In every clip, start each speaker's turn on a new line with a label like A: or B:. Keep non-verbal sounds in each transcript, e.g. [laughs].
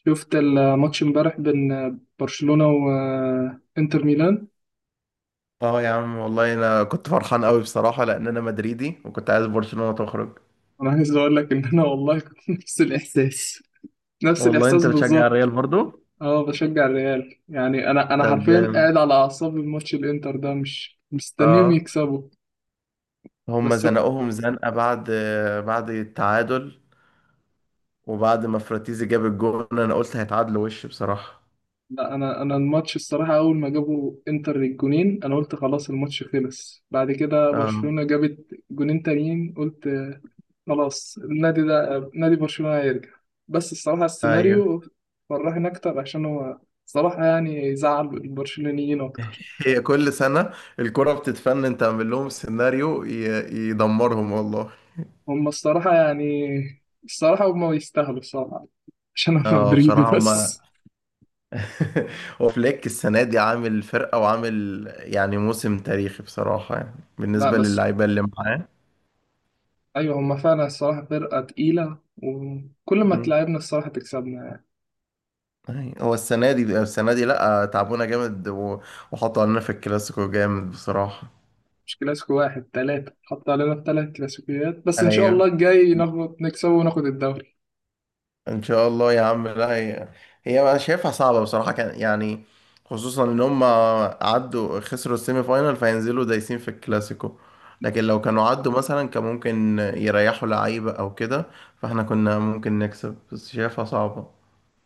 A: شفت الماتش امبارح بين برشلونة وانتر ميلان.
B: اه، يا عم، والله انا كنت فرحان قوي بصراحه لان انا مدريدي وكنت عايز برشلونه تخرج.
A: انا عايز اقول لك ان انا والله كنت [laughs] نفس الاحساس نفس
B: والله
A: الاحساس
B: انت بتشجع
A: بالظبط.
B: الريال برضو؟
A: اه، بشجع الريال، يعني انا
B: طب،
A: حرفيا
B: جامد.
A: قاعد على اعصاب الماتش الانتر ده، مش مستنيهم
B: اه.
A: يكسبوا.
B: هم
A: بس
B: زنقوهم زنقه بعد التعادل، وبعد ما فراتيزي جاب الجون انا قلت هيتعادلوا وش بصراحه.
A: لا، انا الماتش الصراحه، اول ما جابوا انتر الجونين انا قلت خلاص الماتش خلص، بعد كده
B: اه،
A: برشلونه جابت جونين تانيين قلت خلاص النادي ده نادي برشلونه هيرجع. بس الصراحه
B: ايوه.
A: السيناريو فرحني اكتر عشان هو صراحه يعني زعل البرشلونيين اكتر.
B: هي كل سنه الكره بتتفنن تعمل لهم سيناريو يدمرهم والله.
A: هم الصراحه يعني الصراحه هم يستاهلوا الصراحه عشان انا
B: اه،
A: مدريدي.
B: بصراحه هم.
A: بس
B: [laughs] هو فليك السنة دي عامل فرقة وعامل، يعني، موسم تاريخي بصراحة، يعني
A: لا
B: بالنسبة
A: بس،
B: للعيبة اللي معاه.
A: ايوه هم فعلا الصراحه فرقه تقيله، وكل ما
B: مم.
A: تلعبنا الصراحه تكسبنا.
B: أي، هو السنة دي لأ تعبونا جامد وحطوا علينا في الكلاسيكو جامد بصراحة.
A: مش كلاسيكو 1-3 حط علينا في ثلاث كلاسيكيات، بس إن شاء
B: أيوه.
A: الله الجاي ناخد نكسبه وناخد الدوري.
B: ان شاء الله يا عم. لا، هي انا شايفها صعبه بصراحه، كان يعني، خصوصا ان هم عدوا خسروا السيمي فاينال فينزلوا دايسين في الكلاسيكو. لكن لو كانوا عدوا مثلا كان ممكن يريحوا لعيبه او كده، فاحنا كنا ممكن نكسب، بس شايفها صعبه.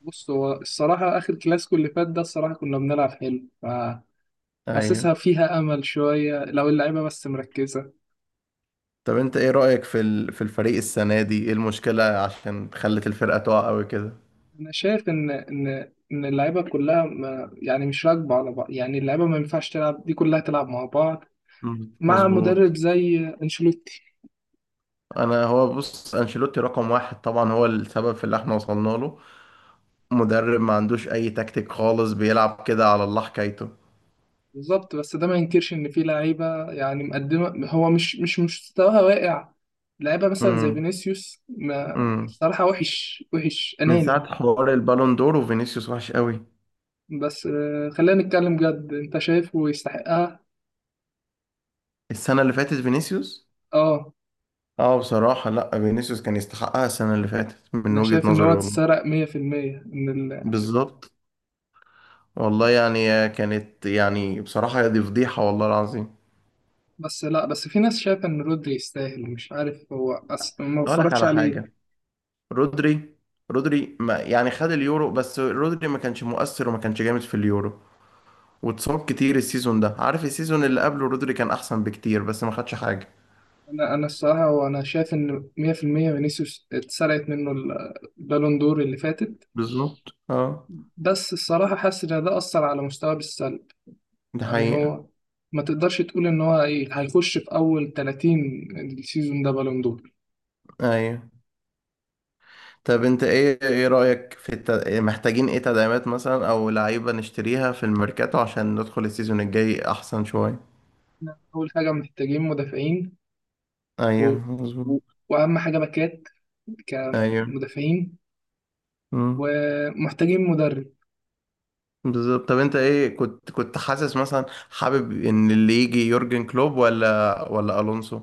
A: بص، هو الصراحة آخر كلاسيكو اللي فات ده الصراحة كنا بنلعب حلو،
B: ايوه.
A: فحاسسها فيها أمل شوية لو اللعيبة بس مركزة.
B: طب انت ايه رايك في الفريق السنه دي؟ ايه المشكله عشان خلت الفرقه تقع قوي كده؟
A: أنا شايف إن اللعيبة كلها ما يعني مش راكبة على بعض، يعني اللعيبة ما ينفعش تلعب دي كلها تلعب مع بعض
B: مم.
A: مع مدرب
B: مظبوط.
A: زي أنشيلوتي.
B: انا، هو بص، انشيلوتي رقم واحد طبعا، هو السبب في اللي احنا وصلنا له. مدرب ما عندوش اي تكتيك خالص، بيلعب كده على الله حكايته.
A: بالظبط، بس ده ما ينكرش ان في لعيبه يعني مقدمه هو مش مستواها واقع. لعيبه مثلا زي
B: امم
A: فينيسيوس ما
B: امم
A: صراحه وحش وحش
B: من
A: اناني.
B: ساعة حوار البالون دور وفينيسيوس وحش قوي.
A: بس خلينا نتكلم جد، انت شايفه يستحقها؟
B: السنة اللي فاتت فينيسيوس.
A: اه،
B: اه، بصراحة، لا، فينيسيوس كان يستحقها السنة اللي فاتت من
A: انا
B: وجهة
A: شايف ان هو
B: نظري والله.
A: اتسرق 100% ان
B: بالظبط. والله، يعني كانت، يعني بصراحة، دي فضيحة والله العظيم.
A: [laughs] بس لا بس، في ناس شايفه ان رودري يستاهل. مش عارف، هو ما
B: هقول لك
A: بتفرجش
B: على
A: عليه.
B: حاجة. رودري رودري ما، يعني، خد اليورو، بس رودري ما كانش مؤثر وما كانش جامد في اليورو. واتصاب كتير السيزون ده، عارف، السيزون اللي قبله رودري كان احسن بكتير، بس ما خدش حاجه.
A: انا الصراحه، وانا شايف ان 100% فينيسيوس اتسرقت منه البالون دور اللي فاتت.
B: بالظبط. اه.
A: بس الصراحة حاسس إن ده أثر على مستواه بالسلب،
B: ده
A: يعني
B: حقيقه.
A: هو ما تقدرش تقول إن هو إيه هيخش في أول 30 السيزون ده بالون دور.
B: ايوه. طب انت ايه رايك محتاجين ايه تدعيمات مثلا، او لعيبه نشتريها في الميركاتو، عشان ندخل السيزون الجاي احسن شويه؟
A: إحنا أول حاجة محتاجين مدافعين،
B: ايوه،
A: و... و...
B: مظبوط.
A: وأهم حاجة باكات
B: ايوه.
A: كمدافعين،
B: امم.
A: ومحتاجين مدرب.
B: بالظبط. طب انت ايه، كنت حاسس مثلا، حابب ان اللي يجي يورجن كلوب ولا الونسو؟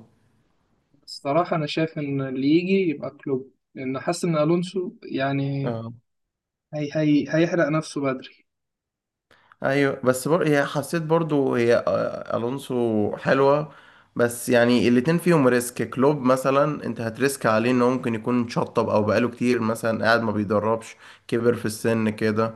A: الصراحة أنا شايف إن اللي يجي يبقى كلوب، لأن حاسس إن ألونسو يعني هيحرق نفسه بدري.
B: ايوه، بس هي حسيت برضو، هي الونسو حلوه. بس يعني الاتنين فيهم ريسك. كلوب مثلا، انت هتريسك عليه انه ممكن يكون شطب، او بقاله كتير مثلا قاعد ما بيدربش، كبر في السن كده.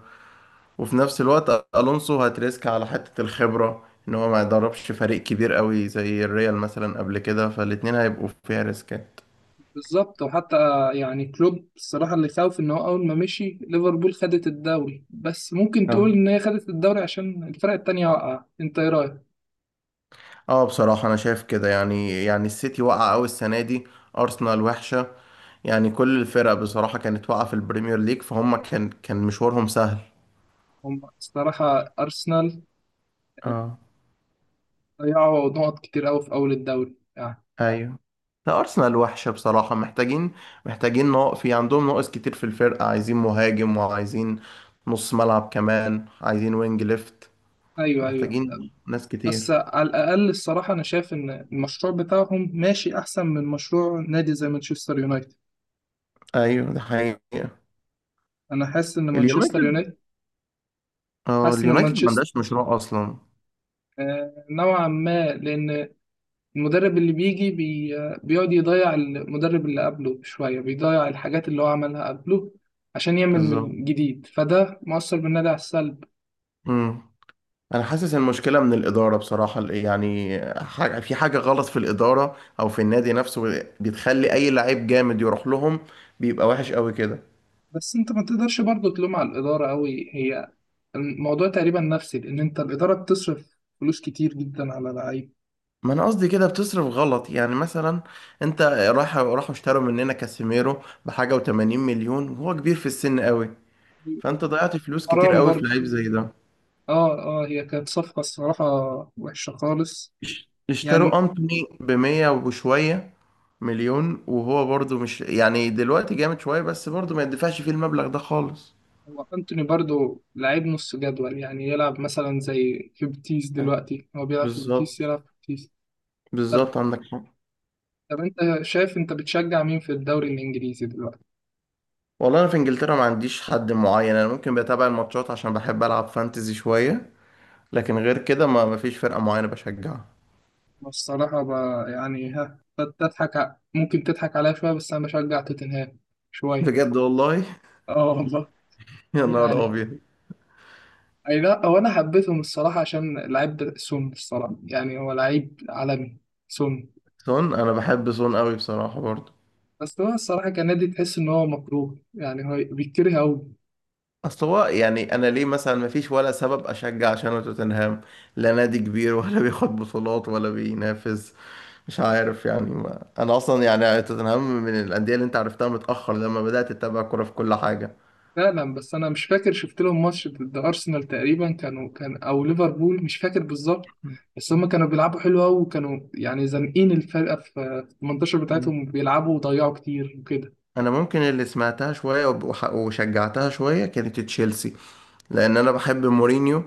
B: وفي نفس الوقت الونسو هتريسك على حته الخبره، ان هو ما يدربش فريق كبير قوي زي الريال مثلا قبل كده، فالاتنين هيبقوا فيها ريسكات.
A: بالظبط، وحتى يعني كلوب الصراحة اللي خاوف إن هو أول ما مشي ليفربول خدت الدوري، بس ممكن تقول
B: اه،
A: إن هي خدت الدوري عشان الفرق التانية وقع. أنت إيه رأيك؟
B: اه، بصراحة أنا شايف كده، يعني السيتي وقع أوي السنة دي. أرسنال وحشة. يعني كل الفرق بصراحة كانت واقعة في البريمير ليج، فهم كان مشوارهم سهل.
A: هم الصراحة أرسنال آه،
B: اه.
A: ضيعوا نقط كتير أوي في أول الدوري يعني.
B: ايوه. لا، أرسنال وحشة بصراحة، محتاجين في عندهم ناقص كتير في الفرقة، عايزين مهاجم، وعايزين نص ملعب كمان، عايزين وينج ليفت.
A: أيوه، أيوه.
B: محتاجين ناس
A: بس
B: كتير.
A: على الأقل الصراحة أنا شايف إن المشروع بتاعهم ماشي أحسن من مشروع نادي زي مانشستر يونايتد.
B: أيوة، ده حقيقة.
A: أنا حاسس إن مانشستر
B: اليونايتد.
A: يونايتد،
B: اه،
A: حاسس إن
B: اليونايتد ما
A: مانشستر
B: عندهاش مشروع أصلا.
A: نوعا ما، لأن المدرب اللي بيجي بيقعد يضيع المدرب اللي قبله شوية، بيضيع الحاجات اللي هو عملها قبله عشان يعمل
B: بالظبط.
A: من جديد، فده مؤثر بالنادي على السلب.
B: انا حاسس المشكله من الاداره بصراحه، يعني، في حاجه غلط في الاداره او في النادي نفسه، بتخلي اي لعيب جامد يروح لهم، بيبقى وحش قوي كده.
A: بس انت ما تقدرش برضه تلوم على الإدارة أوي. هي الموضوع تقريبا نفسي، لأن انت الإدارة بتصرف فلوس كتير جدا على لعيب.
B: ما انا قصدي كده بتصرف غلط، يعني مثلا، انت راحوا اشتروا مننا كاسيميرو بحاجه و80 مليون، وهو كبير في السن قوي. فانت ضيعت فلوس كتير
A: حرام
B: قوي في
A: برضه.
B: لعيب زي ده.
A: اه، اه، هي كانت صفقة الصراحة وحشة خالص.
B: اشتروا
A: يعني
B: انتوني ب 100 وشويه مليون، وهو برضو مش يعني دلوقتي جامد شويه، بس برضو ما يدفعش فيه المبلغ ده خالص.
A: هو أنتوني برضو لعيب نص جدول، يعني يلعب مثلا زي في بيتيس
B: أه،
A: دلوقتي، هو بيلعب في بيتيس
B: بالظبط،
A: يلعب في بيتيس. طب
B: بالظبط، عندك حق.
A: طب أنت شايف، أنت بتشجع مين في الدوري الإنجليزي دلوقتي؟
B: والله انا في انجلترا ما عنديش حد معين، انا ممكن بتابع الماتشات عشان بحب العب فانتزي شويه. لكن غير كده ما فيش فرقه معينه بشجعها.
A: والصراحة يعني ها تضحك ممكن تضحك عليا شوية، بس أنا بشجع توتنهام شوية.
B: بجد والله. [laughs]
A: آه والله
B: يا نهار
A: يعني
B: ابيض.
A: أي، لا هو أنا حبيتهم الصراحة عشان لعيب سون. الصراحة يعني هو لعيب عالمي، سون.
B: سون، انا بحب سون قوي بصراحه برضه.
A: بس هو الصراحة كان نادي تحس إن هو مكروه، يعني هو بيتكره أوي.
B: اصل هو يعني انا ليه مثلا، ما فيش ولا سبب اشجع عشان توتنهام، لا نادي كبير، ولا [laughs] بياخد بطولات، ولا بينافس. مش عارف يعني ما. انا اصلا يعني توتنهام من الانديه اللي انت عرفتها متاخر، لما بدات تتابع كوره في كل حاجه.
A: فعلا، بس انا مش فاكر شفت لهم ماتش ضد ارسنال تقريبا كانوا، كان او ليفربول مش فاكر بالظبط، بس هم كانوا بيلعبوا حلو قوي، وكانوا يعني زانقين الفرقه في المنتشر بتاعتهم، بيلعبوا وضيعوا كتير وكده.
B: انا ممكن اللي سمعتها شويه وشجعتها شويه كانت تشيلسي، لان انا بحب مورينيو.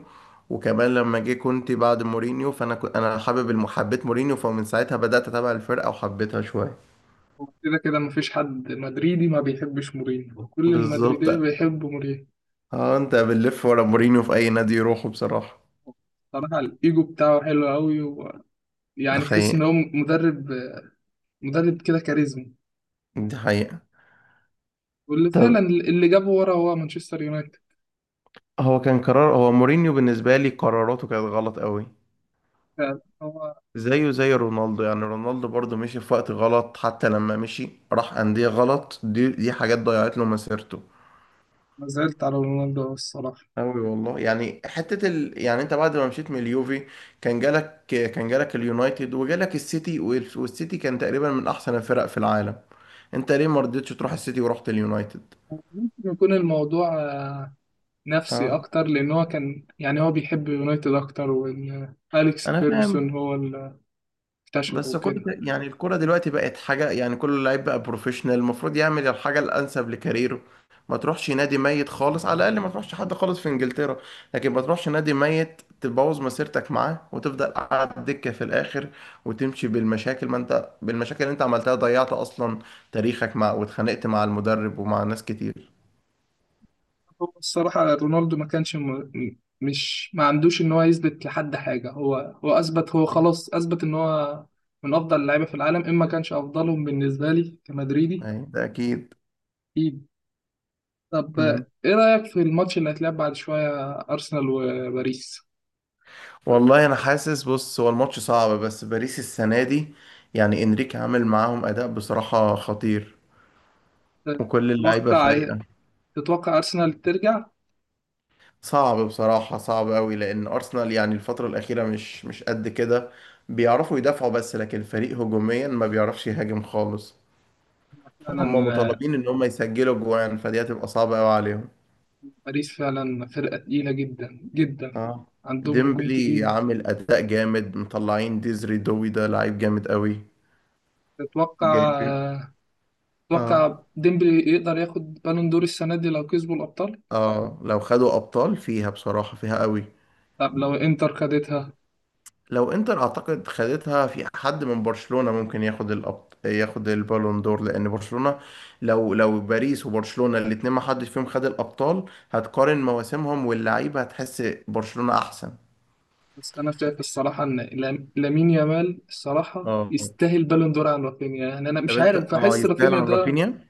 B: وكمان لما جه كنت بعد مورينيو، فانا كنت، انا حابب، حبيت مورينيو، فمن ساعتها بدات اتابع الفرقه وحبيتها شويه.
A: وكده كده مفيش حد مدريدي ما بيحبش مورينيو، كل
B: بالظبط.
A: المدريديه بيحبوا مورينيو.
B: اه، انت بنلف ورا مورينيو في اي نادي يروحه بصراحه.
A: صراحه الايجو بتاعه حلو قوي،
B: ده
A: ويعني تحس
B: حقيقه.
A: ان هو مدرب، مدرب كده كاريزما.
B: دي حقيقه.
A: واللي فعلا
B: طب،
A: اللي جابه ورا هو مانشستر يونايتد.
B: هو كان قرار، هو مورينيو بالنسبه لي قراراته كانت غلط قوي.
A: فعلا هو.
B: زيه زي رونالدو، يعني رونالدو برضه مشي في وقت غلط، حتى لما مشي راح أندية غلط، دي حاجات ضيعت له مسيرته.
A: ما زعلت على رونالدو الصراحه.
B: أوي والله، يعني حتة يعني أنت بعد ما مشيت من اليوفي، كان جالك اليونايتد وجالك السيتي والسيتي كان تقريبا من أحسن الفرق في العالم. أنت ليه ما رضيتش تروح السيتي ورحت اليونايتد؟
A: ممكن يكون الموضوع نفسي
B: اه،
A: أكتر، لأن هو كان يعني هو بيحب يونايتد أكتر، وإن أليكس
B: أنا
A: فيرجسون
B: فاهم.
A: هو اللي اكتشفه
B: بس كل،
A: وكده.
B: يعني الكرة دلوقتي بقت حاجة، يعني كل لعيب بقى بروفيشنال، المفروض يعمل الحاجة الأنسب لكاريره. ما تروحش نادي ميت خالص، على الأقل ما تروحش حد خالص في إنجلترا. لكن ما تروحش نادي ميت تبوظ مسيرتك معاه، وتفضل قاعد دكة في الآخر، وتمشي بالمشاكل، ما أنت بالمشاكل اللي أنت عملتها ضيعت أصلا تاريخك مع، واتخانقت مع المدرب ومع ناس كتير.
A: هو الصراحة رونالدو ما كانش مش ما عندوش إن هو يثبت لحد حاجة، هو أثبت، هو خلاص أثبت إن هو من أفضل اللعيبة في العالم، إما كانش أفضلهم بالنسبة لي كمدريدي.
B: أي، ده أكيد.
A: أكيد. طب إيه رأيك في الماتش اللي هيتلعب بعد شوية أرسنال وباريس؟
B: والله انا حاسس، بص، هو الماتش صعب، بس باريس السنه دي يعني انريكي عامل معاهم اداء بصراحه خطير، وكل اللعيبه
A: تتوقع
B: فايقه.
A: تتوقع أرسنال ترجع؟
B: صعب بصراحه، صعب قوي، لان ارسنال يعني الفتره الاخيره مش قد كده. بيعرفوا يدافعوا بس، لكن الفريق هجوميا ما بيعرفش يهاجم خالص،
A: فعلا،
B: فهم مطالبين ان هم يسجلوا جوان، فدي هتبقى صعبه قوي عليهم.
A: باريس فعلا فرقة تقيلة جدا جدا،
B: اه،
A: عندهم هجوم
B: ديمبلي
A: تقيل.
B: عامل اداء جامد، مطلعين ديزري دوي ده لعيب جامد قوي.
A: تتوقع
B: جايبين. اه،
A: تتوقع ديمبلي يقدر ياخد بالون دور السنة دي لو كسبوا الأبطال؟
B: اه، لو خدوا ابطال فيها بصراحة، فيها قوي.
A: طب لو إنتر خدتها.
B: لو انتر اعتقد خدتها، في حد من برشلونة ممكن ياخد ياخد البالون دور، لان برشلونة، لو باريس وبرشلونة الاتنين ما حدش فيهم خد الابطال، هتقارن مواسمهم واللعيبة هتحس برشلونة احسن.
A: بس أنا شايف الصراحة إن لامين يامال الصراحة
B: اه.
A: يستاهل بالون دور عن رافينيا، يعني أنا
B: طب،
A: مش
B: انت
A: عارف،
B: اه،
A: بحس
B: يستاهل
A: رافينيا
B: عن
A: ده
B: رافينيا؟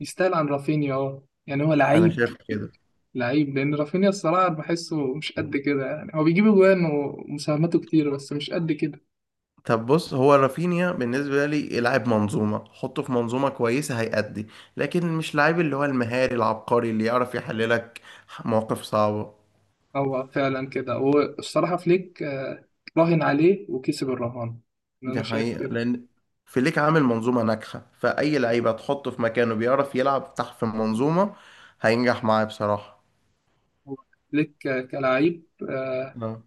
A: يستاهل عن رافينيا. أه، يعني هو
B: انا
A: لعيب
B: شايف كده.
A: لعيب لأن رافينيا الصراحة بحسه مش قد كده، يعني هو بيجيب أجوان ومساهماته كتير بس مش قد كده.
B: طب، بص، هو رافينيا بالنسبه لي لاعب منظومه، حطه في منظومه كويسه هيأدي، لكن مش لاعب اللي هو المهاري العبقري اللي يعرف يحللك مواقف صعبه.
A: هو فعلا كده، والصراحة فليك راهن عليه وكسب الرهان، أنا
B: دي
A: شايف
B: حقيقة
A: كده.
B: لأن فليك عامل منظومة ناجحة، فأي لعيب هتحطه في مكانه بيعرف يلعب تحت في المنظومة، هينجح معاه بصراحة.
A: هو فليك كلاعب آه،
B: اه.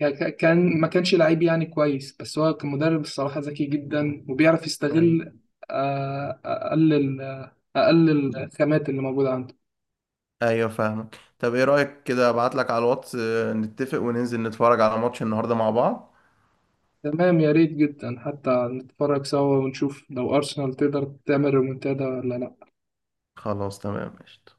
A: كان ما كانش لعيب يعني كويس، بس هو كمدرب الصراحة ذكي جدا وبيعرف
B: أيوة،
A: يستغل أقل أقل الخامات اللي موجودة عنده.
B: أيوة، فاهمك. طب، إيه رأيك كده، أبعتلك على الواتس، نتفق وننزل نتفرج على ماتش النهاردة مع بعض؟
A: تمام يا ريت جدا، حتى نتفرج سوا ونشوف لو أرسنال تقدر تعمل ريمونتادا ولا لأ.
B: خلاص، تمام، قشطة.